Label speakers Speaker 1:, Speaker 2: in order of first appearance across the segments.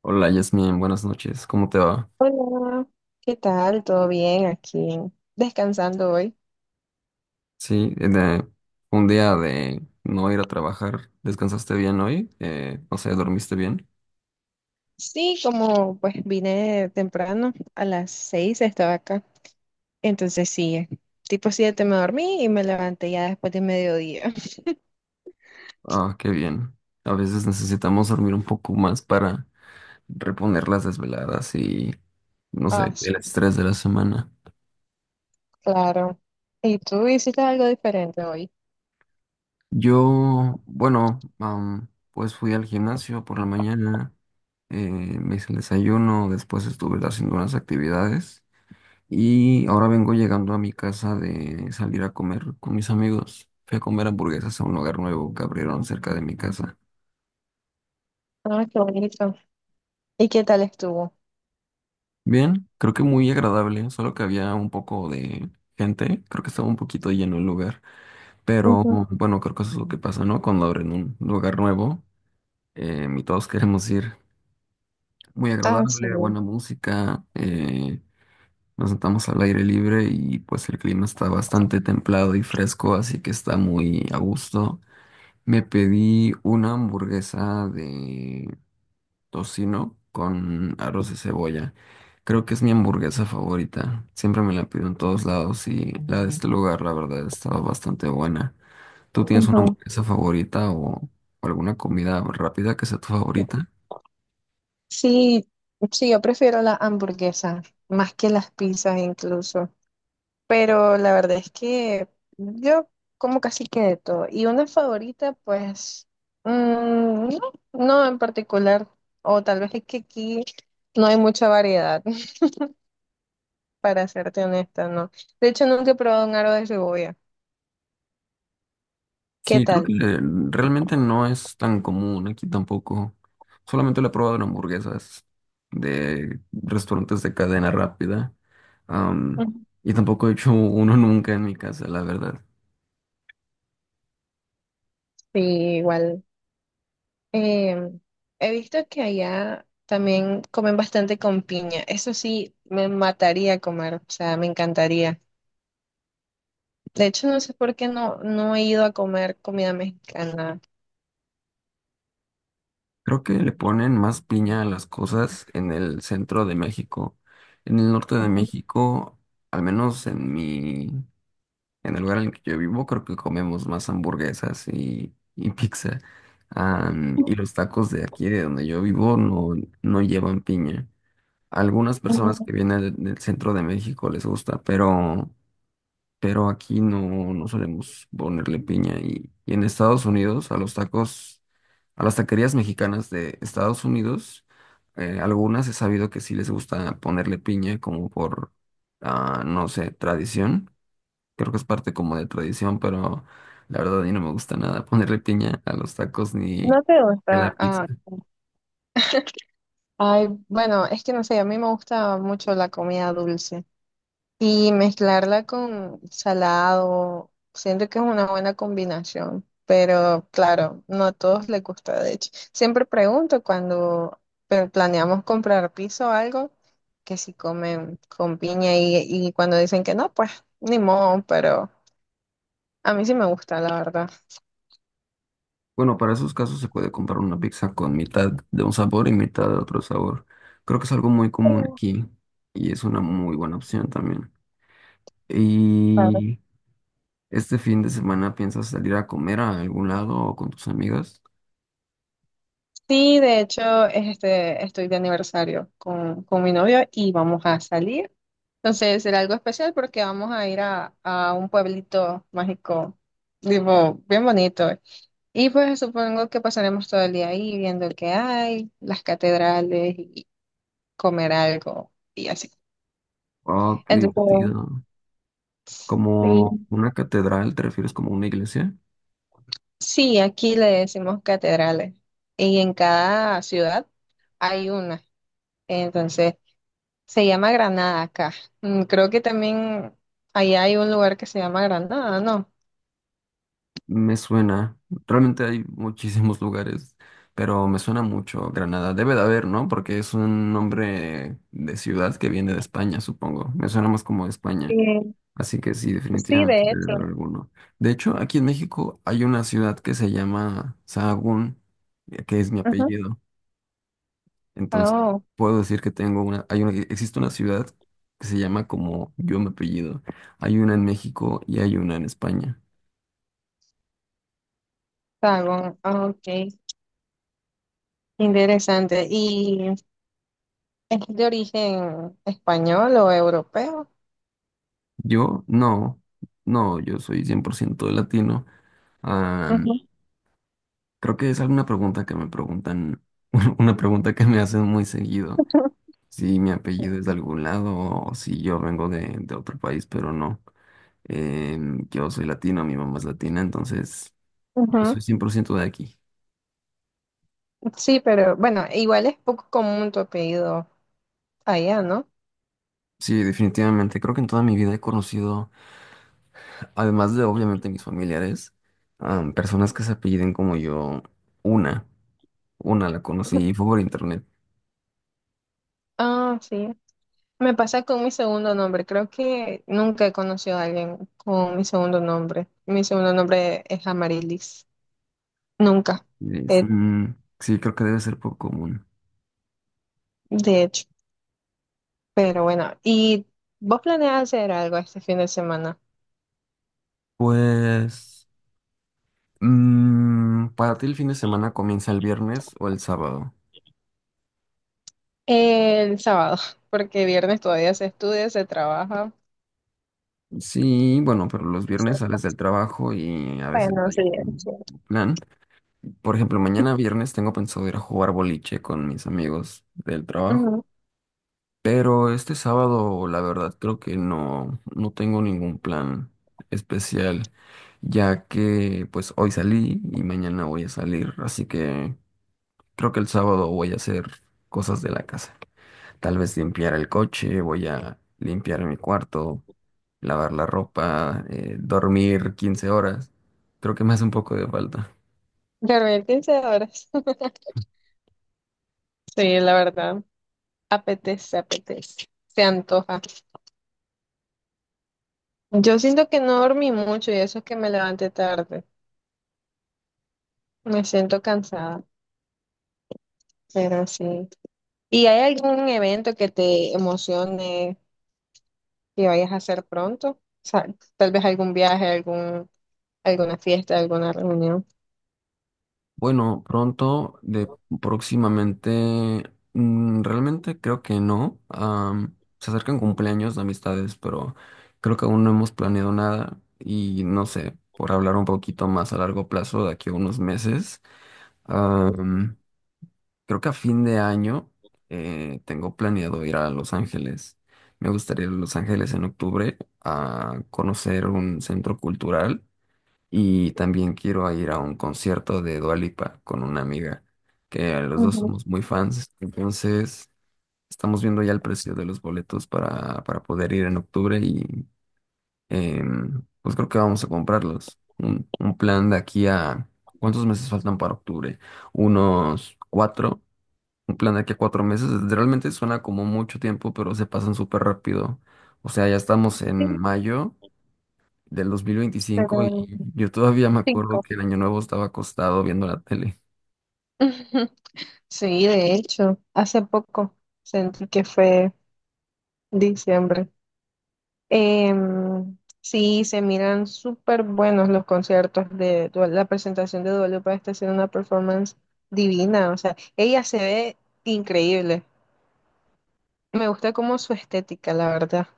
Speaker 1: Hola Yasmin, buenas noches, ¿cómo te va?
Speaker 2: Hola, ¿qué tal? ¿Todo bien aquí? Descansando hoy.
Speaker 1: Sí, eh, de- un día de no ir a trabajar, ¿descansaste bien hoy? ¿Dormiste bien?
Speaker 2: Sí, como pues vine temprano, a las 6 estaba acá. Entonces sí, tipo 7 me dormí y me levanté ya después de mediodía.
Speaker 1: Ah, qué bien. A veces necesitamos dormir un poco más para reponer las desveladas no
Speaker 2: Ah,
Speaker 1: sé,
Speaker 2: sí,
Speaker 1: el estrés de la semana.
Speaker 2: claro. ¿Y tú hiciste algo diferente hoy?
Speaker 1: Yo, bueno, pues fui al gimnasio por la mañana, me hice el desayuno, después estuve haciendo unas actividades. Y ahora vengo llegando a mi casa de salir a comer con mis amigos. Fui a comer hamburguesas a un lugar nuevo que abrieron cerca de mi casa.
Speaker 2: Ah, qué bonito. ¿Y qué tal estuvo?
Speaker 1: Bien, creo que muy agradable, solo que había un poco de gente. Creo que estaba un poquito lleno el lugar. Pero
Speaker 2: Ujú.
Speaker 1: bueno, creo que eso es lo que pasa, ¿no? Cuando abren un lugar nuevo, y todos queremos ir. Muy
Speaker 2: Ah, sí.
Speaker 1: agradable, buena música. Nos sentamos al aire libre y pues el clima está bastante templado y fresco, así que está muy a gusto. Me pedí una hamburguesa de tocino con arroz de cebolla. Creo que es mi hamburguesa favorita. Siempre me la pido en todos lados y la de este lugar, la verdad, estaba bastante buena. ¿Tú tienes una
Speaker 2: Ujú.
Speaker 1: hamburguesa favorita o alguna comida rápida que sea tu favorita?
Speaker 2: Sí, sí, yo prefiero la hamburguesa, más que las pizzas incluso. Pero la verdad es que yo como casi que de todo. Y una favorita, pues, mm, no en particular. O tal vez es que aquí no hay mucha variedad, para serte honesta, ¿no? De hecho, nunca he probado un aro de cebolla. ¿Qué
Speaker 1: Sí, creo que
Speaker 2: tal?
Speaker 1: realmente no es tan común aquí tampoco. Solamente lo he probado en hamburguesas de restaurantes de cadena rápida. Am,
Speaker 2: Ujú.
Speaker 1: y tampoco he hecho uno nunca en mi casa, la verdad.
Speaker 2: Sí, igual. Em, He visto que allá también comen bastante con piña. Eso sí, me mataría comer, o sea, me encantaría. De hecho, no sé por qué no he ido a comer comida mexicana.
Speaker 1: Creo que le ponen más piña a las cosas en el centro de México. En el norte de México, al menos en mi En el lugar en el que yo vivo, creo que comemos más hamburguesas y pizza. Y los tacos de aquí, de donde yo vivo, no llevan piña. Algunas personas que vienen del centro de México les gusta, pero aquí no solemos ponerle piña. Y en Estados Unidos, a los tacos, a las taquerías mexicanas de Estados Unidos, algunas he sabido que sí les gusta ponerle piña, como no sé, tradición. Creo que es parte como de tradición, pero la verdad a mí no me gusta nada ponerle piña a los tacos ni
Speaker 2: ¿No te
Speaker 1: a la
Speaker 2: gusta?
Speaker 1: pizza.
Speaker 2: Ah, ay, bueno, es que no sé, a mí me gusta mucho la comida dulce y mezclarla con salado, siento que es una buena combinación, pero claro, no a todos les gusta, de hecho. Siempre pregunto cuando planeamos comprar piso o algo, que si comen con piña y cuando dicen que no, pues ni modo, pero a mí sí me gusta, la verdad.
Speaker 1: Bueno, para esos casos se puede comprar una pizza con mitad de un sabor y mitad de otro sabor. Creo que es algo muy común aquí y es una muy buena opción también. ¿Y este fin de semana piensas salir a comer a algún lado o con tus amigas?
Speaker 2: Sí, de hecho, este, estoy de aniversario con mi novio y vamos a salir. Entonces será algo especial porque vamos a ir a un pueblito mágico, tipo, bien bonito. Y pues supongo que pasaremos todo el día ahí viendo el que hay, las catedrales y comer algo y así.
Speaker 1: Oh, qué
Speaker 2: Entonces,
Speaker 1: divertido. ¿Como
Speaker 2: sí,
Speaker 1: una catedral? ¿Te refieres como una iglesia?
Speaker 2: sí, aquí le decimos catedrales y en cada ciudad hay una. Entonces, se llama Granada acá. Mm, creo que también allá hay un lugar que se llama Granada, ¿no?
Speaker 1: Me suena. Realmente hay muchísimos lugares, pero me suena mucho Granada. Debe de haber, ¿no? Porque es un nombre de ciudad que viene de España, supongo. Me suena más como de España.
Speaker 2: Eh,
Speaker 1: Así que sí,
Speaker 2: sí,
Speaker 1: definitivamente
Speaker 2: de
Speaker 1: debe
Speaker 2: hecho.
Speaker 1: haber alguno. De hecho, aquí en México hay una ciudad que se llama Sahagún, que es mi
Speaker 2: Ujú.
Speaker 1: apellido. Entonces,
Speaker 2: Oh,
Speaker 1: puedo decir que tengo una, hay una, existe una ciudad que se llama como yo mi apellido. Hay una en México y hay una en España.
Speaker 2: Sagún. Ah, ok, interesante. ¿Y es de origen español o europeo?
Speaker 1: Yo no, No, yo soy 100% latino. Ah,
Speaker 2: Ujú,
Speaker 1: creo que es alguna pregunta que me preguntan, una pregunta que me hacen muy seguido, si mi apellido es de algún lado o si yo vengo de otro país, pero no. Yo soy latino, mi mamá es latina, entonces yo
Speaker 2: ujú.
Speaker 1: soy 100% de aquí.
Speaker 2: Sí, pero bueno, igual es poco común tu apellido allá, ¿no?
Speaker 1: Sí, definitivamente, creo que en toda mi vida he conocido, además de obviamente mis familiares, personas que se apelliden como yo, una, una la conocí y fue por internet.
Speaker 2: Ah, sí. Me pasa con mi segundo nombre. Creo que nunca he conocido a alguien con mi segundo nombre. Mi segundo nombre es Amarilis. Nunca,
Speaker 1: Es-
Speaker 2: eh,
Speaker 1: mm, sí, creo que debe ser poco común.
Speaker 2: de hecho. Pero bueno, ¿y vos planeas hacer algo este fin de semana?
Speaker 1: Pues, para ti el fin de semana comienza el viernes o el sábado.
Speaker 2: El sábado, porque viernes todavía se estudia, se trabaja.
Speaker 1: Sí, bueno, pero los viernes sales del
Speaker 2: Es
Speaker 1: trabajo y a veces no
Speaker 2: Bueno, sí,
Speaker 1: hay
Speaker 2: es
Speaker 1: un
Speaker 2: cierto.
Speaker 1: plan. Por ejemplo, mañana viernes tengo pensado ir a jugar boliche con mis amigos del trabajo.
Speaker 2: Ujú.
Speaker 1: Pero este sábado, la verdad, creo que no tengo ningún plan especial, ya que pues hoy salí y mañana voy a salir, así que creo que el sábado voy a hacer cosas de la casa. Tal vez limpiar el coche, voy a limpiar mi cuarto, lavar la ropa, dormir 15 horas. Creo que me hace un poco de falta.
Speaker 2: ¿Dormir 15 horas? Sí, la verdad. Apetece, apetece. Se antoja. Yo siento que no dormí mucho y eso es que me levanté tarde. Me siento cansada, pero sí. ¿Y hay algún evento que te emocione, que vayas a hacer pronto? O sea, tal vez algún viaje, algún, alguna fiesta, alguna reunión.
Speaker 1: Bueno, pronto, de próximamente, realmente creo que no. Se acercan cumpleaños de amistades, pero creo que aún no hemos planeado nada y no sé, por hablar un poquito más a largo plazo, de aquí a unos meses. Creo que a fin de año tengo planeado ir a Los Ángeles. Me gustaría ir a Los Ángeles en octubre a conocer un centro cultural y también quiero a ir a un concierto de Dua Lipa con una amiga, que los dos
Speaker 2: Ujú,
Speaker 1: somos muy fans. Entonces, estamos viendo ya el precio de los boletos para poder ir en octubre y pues creo que vamos a comprarlos. Un plan de aquí a... ¿Cuántos meses faltan para octubre? Unos cuatro. Un plan de aquí a cuatro meses realmente suena como mucho tiempo, pero se pasan súper rápido. O sea, ya estamos
Speaker 2: sí,
Speaker 1: en mayo del 2025
Speaker 2: pero
Speaker 1: y yo todavía me acuerdo
Speaker 2: cinco.
Speaker 1: que el año nuevo estaba acostado viendo la tele.
Speaker 2: Ujú. Sí, de hecho, hace poco sentí que fue diciembre. Sí, se miran súper buenos los conciertos de la presentación de Dua Lipa está haciendo una performance divina. O sea, ella se ve increíble. Me gusta como su estética, la verdad.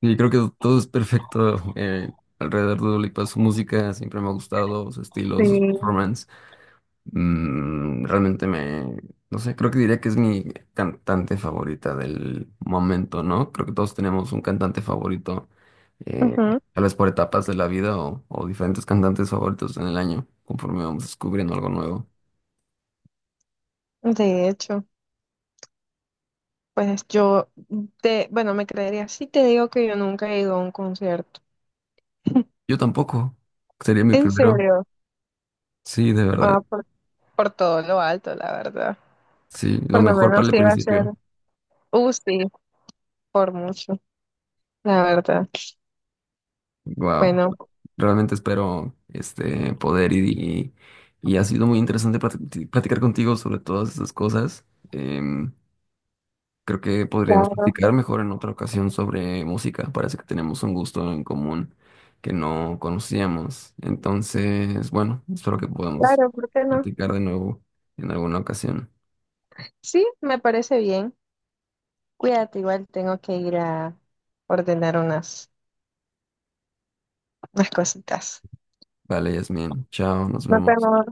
Speaker 1: Y creo que todo es perfecto alrededor de Dua Lipa. Su música siempre me ha gustado, su estilo, sus
Speaker 2: Sí.
Speaker 1: performances. Mm, realmente me, no sé, creo que diría que es mi cantante favorita del momento, ¿no? Creo que todos tenemos un cantante favorito, eh,
Speaker 2: Ujú,
Speaker 1: tal vez por etapas de la vida o diferentes cantantes favoritos en el año, conforme vamos descubriendo algo nuevo.
Speaker 2: de hecho. Pues yo, te, bueno, me creería si te digo que yo nunca he ido a un concierto.
Speaker 1: Yo tampoco, sería mi
Speaker 2: ¿En
Speaker 1: primero.
Speaker 2: serio?
Speaker 1: Sí, de
Speaker 2: Ah,
Speaker 1: verdad.
Speaker 2: por todo lo alto, la verdad.
Speaker 1: Sí, lo
Speaker 2: Por lo
Speaker 1: mejor para
Speaker 2: menos
Speaker 1: el
Speaker 2: iba a ser,
Speaker 1: principio.
Speaker 2: sí, por mucho, la verdad.
Speaker 1: Wow,
Speaker 2: Bueno,
Speaker 1: realmente espero poder y ha sido muy interesante platicar contigo sobre todas esas cosas. Em, Creo que podríamos
Speaker 2: claro,
Speaker 1: platicar mejor en otra ocasión sobre música. Parece que tenemos un gusto en común que no conocíamos. Entonces, bueno, espero que podamos
Speaker 2: claro, ¿por qué no?
Speaker 1: platicar de nuevo en alguna ocasión.
Speaker 2: Sí, me parece bien. Cuídate, igual tengo que ir a ordenar unas cositas.
Speaker 1: Vale, Yasmin. Chao, nos
Speaker 2: No
Speaker 1: vemos.
Speaker 2: tengo